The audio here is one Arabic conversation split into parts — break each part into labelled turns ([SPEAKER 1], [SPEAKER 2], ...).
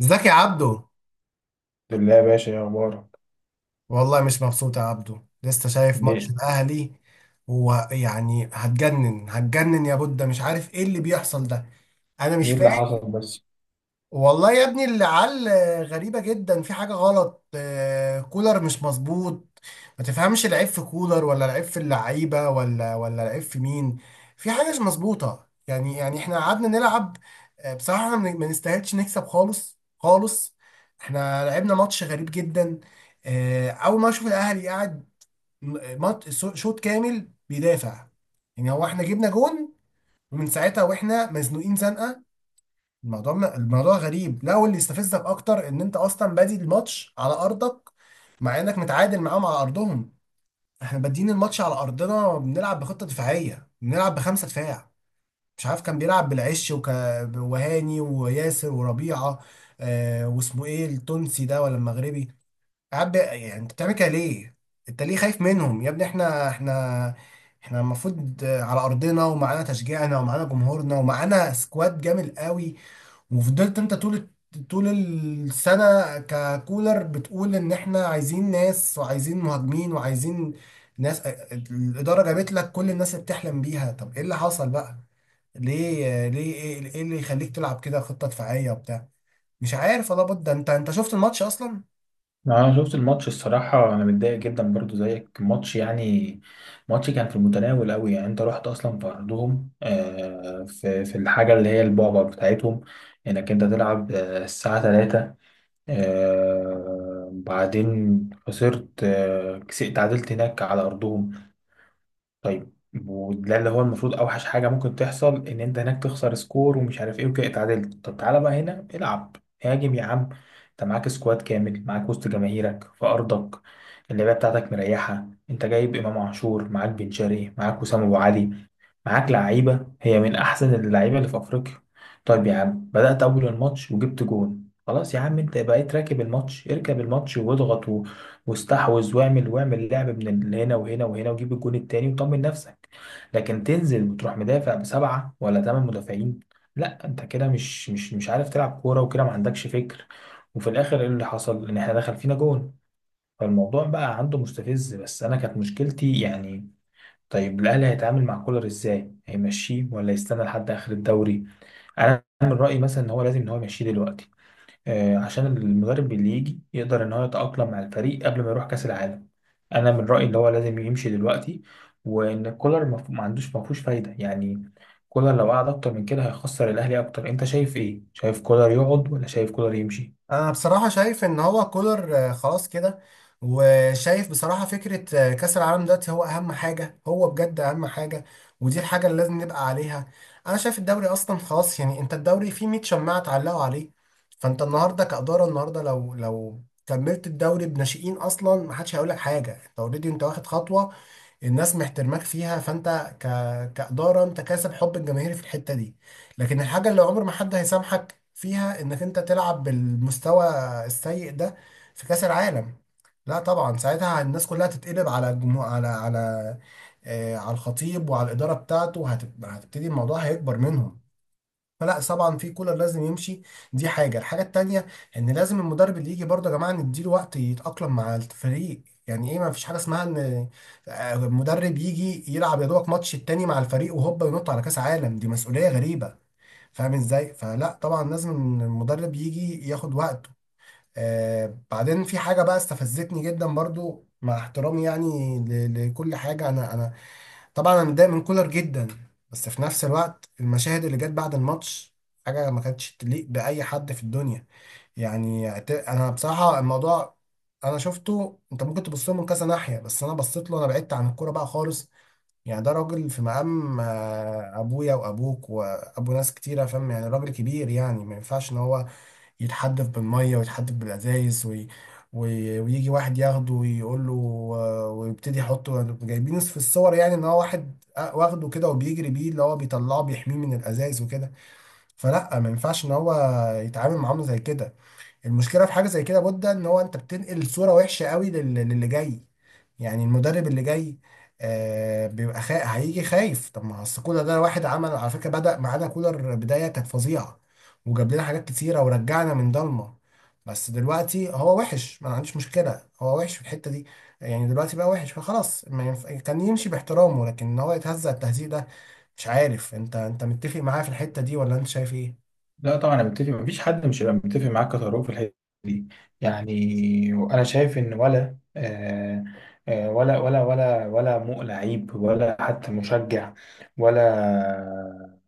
[SPEAKER 1] ازيك يا عبدو؟
[SPEAKER 2] بالله يا باشا، ايه اخبارك؟
[SPEAKER 1] والله مش مبسوط يا عبدو، لسه شايف ماتش
[SPEAKER 2] ليه؟
[SPEAKER 1] الاهلي ويعني هتجنن هتجنن يا بودة، مش عارف ايه اللي بيحصل ده، انا مش
[SPEAKER 2] ايه اللي
[SPEAKER 1] فاهم.
[SPEAKER 2] حصل بس؟
[SPEAKER 1] والله يا ابني العيال غريبة جدا، في حاجة غلط، كولر مش مظبوط. ما تفهمش العيب في كولر ولا العيب في اللعيبه ولا العيب في مين. في حاجه مش مظبوطه، يعني احنا قعدنا نلعب. بصراحه احنا ما نستاهلش نكسب خالص خالص. احنا لعبنا ماتش غريب جدا. اول ما اشوف الاهلي قاعد شوط كامل بيدافع، يعني هو احنا جبنا جون ومن ساعتها واحنا مزنوقين زنقه. الموضوع الموضوع غريب. لا، واللي يستفزك اكتر ان انت اصلا بادي الماتش على ارضك، مع انك متعادل معاهم على ارضهم. احنا بادئين الماتش على ارضنا بنلعب بخطه دفاعيه، بنلعب بخمسه دفاع، مش عارف كان بيلعب بالعش وهاني وياسر وربيعه. واسمه ايه التونسي ده ولا المغربي؟ قاعد يعني انت بتعمل كده ليه؟ انت ليه خايف منهم يا ابني؟ احنا المفروض على ارضنا ومعانا تشجيعنا ومعانا جمهورنا ومعانا سكواد جامد قوي. وفضلت انت طول طول السنة ككولر بتقول ان احنا عايزين ناس وعايزين مهاجمين وعايزين ناس. الإدارة جابت لك كل الناس اللي بتحلم بيها، طب ايه اللي حصل بقى؟ ليه، ايه اللي يخليك تلعب كده خطة دفاعية وبتاع؟ مش عارف والله بود ده، انت شفت الماتش اصلا؟
[SPEAKER 2] انا شفت الماتش، الصراحه انا متضايق جدا برضو زيك. الماتش يعني ماتش كان في المتناول قوي. يعني انت رحت اصلا في ارضهم، في الحاجه اللي هي البعبع بتاعتهم، انك انت تلعب الساعه 3. بعدين خسرت، تعادلت هناك على ارضهم. طيب، وده اللي هو المفروض اوحش حاجه ممكن تحصل، ان انت هناك تخسر سكور ومش عارف ايه وكده اتعادلت. طب تعالى بقى هنا العب، هاجم يا عم. انت معاك سكواد كامل، معاك وسط جماهيرك في ارضك، اللعيبه بتاعتك مريحه، انت جايب امام عاشور، معاك بن شرقي، معاك وسام ابو علي، معاك لعيبه هي من احسن اللعيبه اللي في افريقيا. طيب يا عم، بدات اول الماتش وجبت جون، خلاص يا عم، انت بقيت راكب الماتش. اركب الماتش واضغط واستحوذ واعمل لعب من هنا وهنا وهنا، وجيب الجون التاني وطمن نفسك. لكن تنزل وتروح مدافع بسبعة ولا تمن مدافعين؟ لا، انت كده مش عارف تلعب كورة، وكده ما عندكش فكر. وفي الاخر ايه اللي حصل؟ ان احنا دخل فينا جون. فالموضوع بقى عنده مستفز، بس انا كانت مشكلتي يعني. طيب الاهلي هيتعامل مع كولر ازاي؟ هيمشيه ولا يستنى لحد اخر الدوري؟ انا من رايي مثلا ان هو لازم ان هو يمشيه دلوقتي، عشان المدرب اللي يجي يقدر ان هو يتأقلم مع الفريق قبل ما يروح كأس العالم. انا من رأيي ان هو لازم يمشي دلوقتي، وان كولر ما عندوش، ما فيهوش فايدة يعني. كولر لو قعد اكتر من كده هيخسر الاهلي اكتر. انت شايف ايه؟ شايف كولر يقعد ولا شايف كولر يمشي؟
[SPEAKER 1] انا بصراحه شايف ان هو كولر خلاص كده، وشايف بصراحه فكره كاس العالم دلوقتي هو اهم حاجه، هو بجد اهم حاجه، ودي الحاجه اللي لازم نبقى عليها. انا شايف الدوري اصلا خلاص، يعني انت الدوري فيه 100 شماعه اتعلقوا عليه. فانت النهارده كاداره النهارده لو كملت الدوري بناشئين اصلا ما حدش هيقول لك حاجه، انت اوريدي، انت واخد خطوه، الناس محترماك فيها. فانت ك... كإدارة انت كاسب حب الجماهير في الحتة دي. لكن الحاجة اللي عمر ما حد هيسامحك فيها انك انت تلعب بالمستوى السيء ده في كأس العالم. لا طبعا ساعتها الناس كلها تتقلب على الجمهور، على الخطيب وعلى الإدارة بتاعته، وهتبتدي الموضوع هيكبر منهم. فلا طبعا في كولر لازم يمشي. دي الحاجه التانيه، ان لازم المدرب اللي يجي برضه يا جماعه نديله وقت يتاقلم مع الفريق، يعني ايه ما فيش حاجه اسمها ان مدرب يجي يلعب يا دوبك ماتش التاني مع الفريق وهوبا ينط على كاس عالم، دي مسؤوليه غريبه. فاهم ازاي؟ فلا طبعا لازم المدرب يجي ياخد وقته. بعدين في حاجه بقى استفزتني جدا برضو مع احترامي، يعني لكل حاجه. انا طبعا انا متضايق من كولر جدا، بس في نفس الوقت المشاهد اللي جت بعد الماتش حاجه ما كانتش تليق باي حد في الدنيا. يعني انا بصراحه الموضوع انا شفته، انت ممكن تبص له من كذا ناحيه، بس انا بصيت له، انا بعدت عن الكوره بقى خالص. يعني ده راجل في مقام ابويا وابوك وابو ناس كتيره، فاهم؟ يعني راجل كبير، يعني ما ينفعش ان هو يتحدف بالميه ويتحدف بالازايز ويجي واحد ياخده ويقول له، ويبتدي يحطه، جايبين في الصور يعني ان هو واحد واخده كده وبيجري بيه، اللي هو بيطلعه بيحميه من الازايز وكده. فلا ما ينفعش ان هو يتعامل معامله زي كده. المشكله في حاجه زي كده بودة، ان هو انت بتنقل صوره وحشه قوي للي جاي، يعني المدرب اللي جاي بيبقى هيجي خايف. طب ما اصل كولر ده واحد عمل على فكره، بدأ معانا كولر بدايه كانت فظيعه وجاب لنا حاجات كتيره ورجعنا من ضلمه، بس دلوقتي هو وحش، ما أنا عنديش مشكله هو وحش في الحته دي، يعني دلوقتي بقى وحش فخلاص، ما ينف... كان يمشي باحترامه، لكن ان هو يتهزأ التهزيء ده. مش عارف، انت متفق معايا في الحته دي ولا انت شايف ايه؟
[SPEAKER 2] لا طبعا انا متفق، مفيش حد مش هيبقى متفق معاك يا طارق في الحته دي. يعني انا شايف ان ولا مو لعيب ولا حتى مشجع، ولا،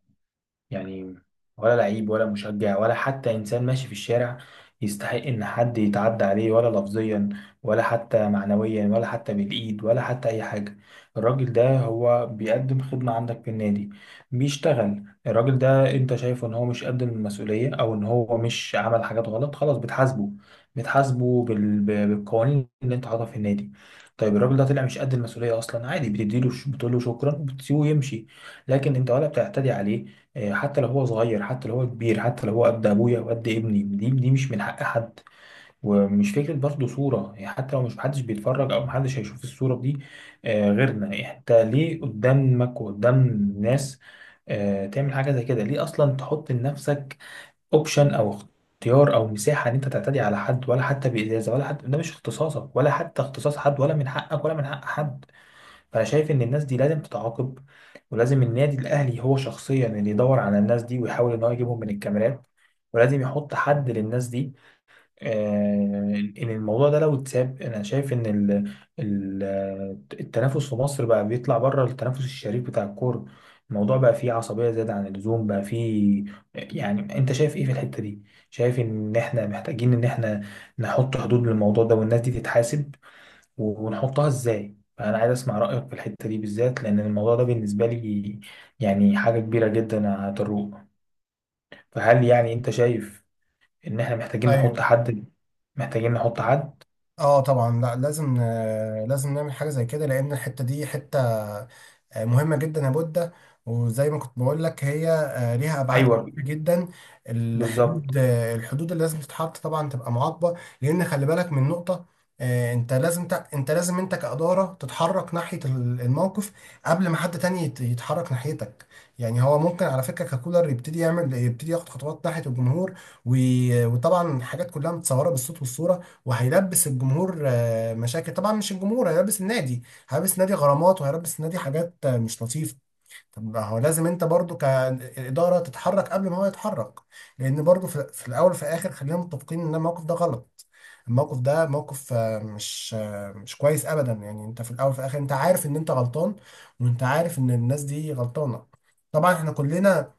[SPEAKER 2] يعني، ولا لعيب ولا مشجع ولا حتى إنسان ماشي في الشارع يستحق إن حد يتعدى عليه، ولا لفظيا ولا حتى معنويا ولا حتى بالإيد ولا حتى أي حاجة. الراجل ده هو بيقدم خدمة عندك في النادي، بيشتغل. الراجل ده أنت شايفه إن هو مش قد المسؤولية أو إن هو مش عمل حاجات غلط، خلاص بتحاسبه. بالقوانين اللي أنت حاططها في النادي. طيب الراجل ده طلع مش قد المسؤولية أصلا، عادي، بتديله بتقول له شكرا وبتسيبه يمشي. لكن أنت ولا بتعتدي عليه. حتى لو هو صغير، حتى لو هو كبير، حتى لو هو قد ابويا وقد ابني، دي مش من حق حد. ومش فكره برضه صوره يعني، حتى لو مش محدش بيتفرج او محدش هيشوف الصوره دي غيرنا. يعني انت ليه قدامك وقدام الناس تعمل حاجه زي كده؟ ليه اصلا تحط لنفسك اوبشن او اختيار او مساحه ان انت تعتدي على حد، ولا حتى بازازه، ولا حتى، ده مش اختصاصك ولا حتى اختصاص حد، ولا من حقك ولا من حق حد. فانا شايف ان الناس دي لازم تتعاقب، ولازم النادي الاهلي هو شخصيا اللي يدور على الناس دي ويحاول ان هو يجيبهم من الكاميرات، ولازم يحط حد للناس دي. آه، ان الموضوع ده لو اتساب، انا شايف ان ال- التنافس في مصر بقى بيطلع بره التنافس الشريف بتاع الكوره. الموضوع بقى فيه عصبيه زياده عن اللزوم، بقى فيه، يعني. انت شايف ايه في الحته دي؟ شايف ان احنا محتاجين ان احنا نحط حدود للموضوع ده والناس دي تتحاسب؟ ونحطها ازاي؟ فانا عايز اسمع رايك في الحته دي بالذات، لان الموضوع ده بالنسبه لي يعني حاجه كبيره جدا، هتروق. فهل يعني انت شايف ان احنا محتاجين نحط
[SPEAKER 1] ايوه.
[SPEAKER 2] حد؟ محتاجين نحط حد؟
[SPEAKER 1] اه طبعا، لا لازم، لازم نعمل حاجه زي كده، لان الحته دي حته مهمة جدا يا بودة. وزي ما كنت بقول لك هي ليها أبعاد
[SPEAKER 2] ايوه،
[SPEAKER 1] كتير جدا.
[SPEAKER 2] بالظبط.
[SPEAKER 1] الحدود اللي لازم تتحط طبعا تبقى معاقبة. لأن خلي بالك من نقطة، أنت لازم أنت لازم أنت كإدارة تتحرك ناحية الموقف قبل ما حد تاني يتحرك ناحيتك. يعني هو ممكن على فكرة ككولر يبتدي ياخد خطوات ناحية الجمهور، وطبعا حاجات كلها متصورة بالصوت والصورة، وهيلبس الجمهور مشاكل، طبعا مش الجمهور، هيلبس النادي، هيلبس النادي غرامات، وهيلبس النادي حاجات مش لطيفه. طب ما هو لازم انت برضو كاداره تتحرك قبل ما هو يتحرك، لان برضو في الاول وفي الاخر خلينا متفقين ان الموقف ده غلط. الموقف ده موقف مش كويس ابدا، يعني انت في الاول وفي الاخر انت عارف ان انت غلطان، وانت عارف ان الناس دي غلطانه. طبعا احنا كلنا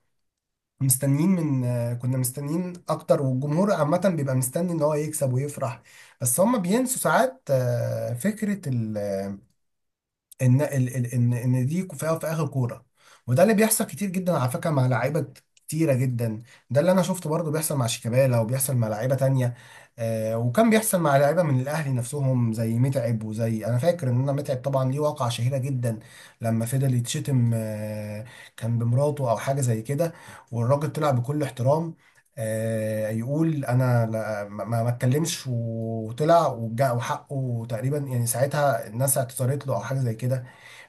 [SPEAKER 1] مستنيين من آه، كنا مستنيين اكتر، والجمهور عامه بيبقى مستني ان هو يكسب ويفرح، بس هم بينسوا ساعات فكره ان ان دي فيها في اخر كوره. وده اللي بيحصل كتير جدا على فكره، مع لعيبه كتيره جدا. ده اللي انا شفته برضو بيحصل مع شيكابالا، وبيحصل مع لعيبه تانية، وكان بيحصل مع لعيبه من الاهلي نفسهم زي متعب، وزي، انا فاكر ان انا، متعب طبعا ليه واقعه شهيره جدا لما فضل يتشتم، كان بمراته او حاجه زي كده، والراجل طلع بكل احترام، يقول انا ما اتكلمش، وطلع وحقه تقريبا، يعني ساعتها الناس اعتذرت له او حاجه زي كده.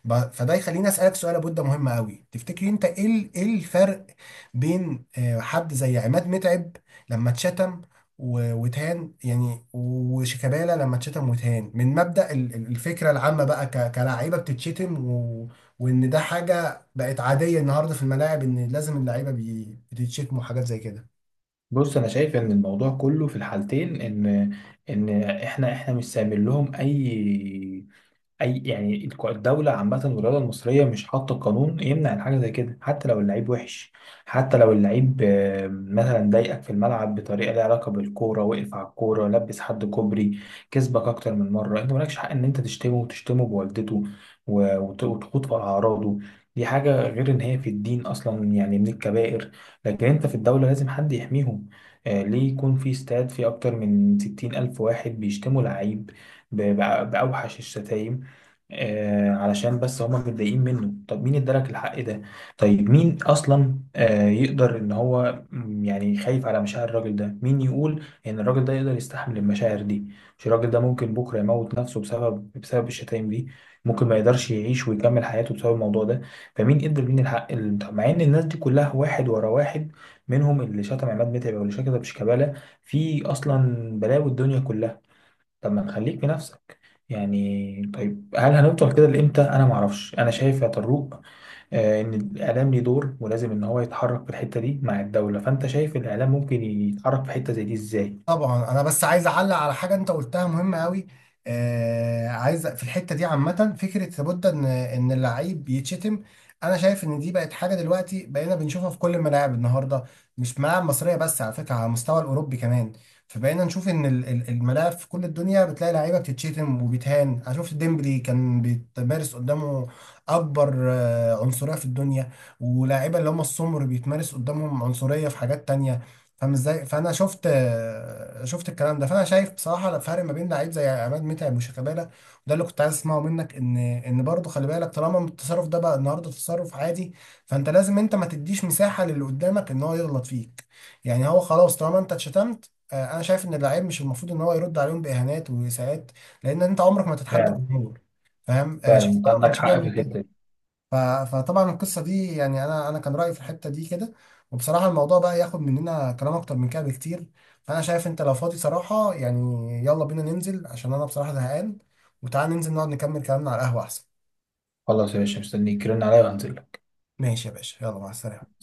[SPEAKER 1] فده يخليني اسالك سؤال، ابو، ده مهم قوي، تفتكري انت ايه ايه الفرق بين حد زي عماد متعب لما اتشتم واتهان يعني، وشيكابالا لما اتشتم واتهان، من مبدأ الفكره العامه بقى، كلاعيبه بتتشتم وان ده حاجه بقت عاديه النهارده في الملاعب، ان لازم اللعيبه بتتشتم وحاجات زي كده؟
[SPEAKER 2] بص، انا شايف ان الموضوع كله في الحالتين، ان ان احنا مش سامين لهم، اي، اي يعني الدوله عامه والرياضه المصريه مش حاطه قانون يمنع عن حاجه زي كده. حتى لو اللعيب وحش، حتى لو اللعيب مثلا ضايقك في الملعب بطريقه ليها علاقه بالكوره، وقف على الكوره، لبس حد كوبري، كسبك اكتر من مره، انت مالكش حق ان انت تشتمه وتشتمه بوالدته، و وتخوض في اعراضه. دي حاجه، غير ان هي في الدين اصلا يعني من الكبائر. لكن انت في الدوله لازم حد يحميهم. ليه يكون في استاد فيه اكتر من 60 الف واحد بيشتموا لعيب بأوحش الشتايم علشان بس هما متضايقين منه؟ طب مين ادالك الحق ده؟ طيب مين اصلا يقدر ان هو، يعني، خايف على مشاعر الراجل ده؟ مين يقول ان الراجل ده يقدر يستحمل المشاعر دي؟ مش الراجل ده ممكن بكره يموت نفسه بسبب الشتايم دي؟ ممكن ما يقدرش يعيش ويكمل حياته بسبب الموضوع ده. فمين ادى مين الحق؟ طب مع ان الناس دي كلها واحد ورا واحد، منهم اللي شتم عماد متعب واللي شتم شيكابالا، في اصلا بلاوي الدنيا كلها. طب ما نخليك في نفسك يعني. طيب هل هنفضل كده لامتى؟ انا ما اعرفش. انا شايف يا طروق ان الاعلام ليه دور ولازم ان هو يتحرك في الحته دي مع الدوله. فانت شايف الاعلام ممكن يتحرك في حته زي دي ازاي؟
[SPEAKER 1] طبعا انا بس عايز اعلق على حاجه انت قلتها مهمه قوي. عايز في الحته دي عامه فكره لابد ان اللعيب يتشتم. انا شايف ان دي بقت حاجه دلوقتي بقينا بنشوفها في كل الملاعب النهارده، مش ملاعب مصريه بس على فكره، على المستوى الاوروبي كمان. فبقينا نشوف ان الملاعب في كل الدنيا بتلاقي لعيبه بتتشتم وبيتهان. انا شفت ديمبلي كان بيتمارس قدامه اكبر عنصريه في الدنيا، ولاعيبه اللي هم السمر بيتمارس قدامهم عنصريه في حاجات تانية. فاهم ازاي؟ فانا شفت الكلام ده، فانا شايف بصراحه الفرق ما بين لعيب زي عماد متعب وشيكابالا، وده اللي كنت عايز اسمعه منك. ان برضه خلي بالك، طالما التصرف ده بقى النهارده تصرف عادي، فانت لازم انت ما تديش مساحه للي قدامك ان هو يغلط فيك. يعني هو خلاص طالما انت اتشتمت، انا شايف ان اللعيب مش المفروض ان هو يرد عليهم باهانات واساءات، لان انت عمرك ما تتحدى
[SPEAKER 2] فعلا.
[SPEAKER 1] الجمهور. فاهم؟
[SPEAKER 2] فعلا
[SPEAKER 1] شيكابالا ما
[SPEAKER 2] عندك
[SPEAKER 1] كانش
[SPEAKER 2] حق في
[SPEAKER 1] بيعمل
[SPEAKER 2] الحته دي.
[SPEAKER 1] كده. ف- فطبعا القصه دي يعني انا كان رايي في الحته دي كده، وبصراحه الموضوع بقى ياخد مننا كلام اكتر من كده بكتير. فانا شايف انت لو فاضي صراحه، يعني يلا بينا ننزل عشان انا بصراحه زهقان، وتعال ننزل نقعد نكمل كلامنا على القهوه احسن.
[SPEAKER 2] خلاص يا باشا، مستنيك، رن عليا وهنزل لك.
[SPEAKER 1] ماشي يا باشا، يلا مع السلامه.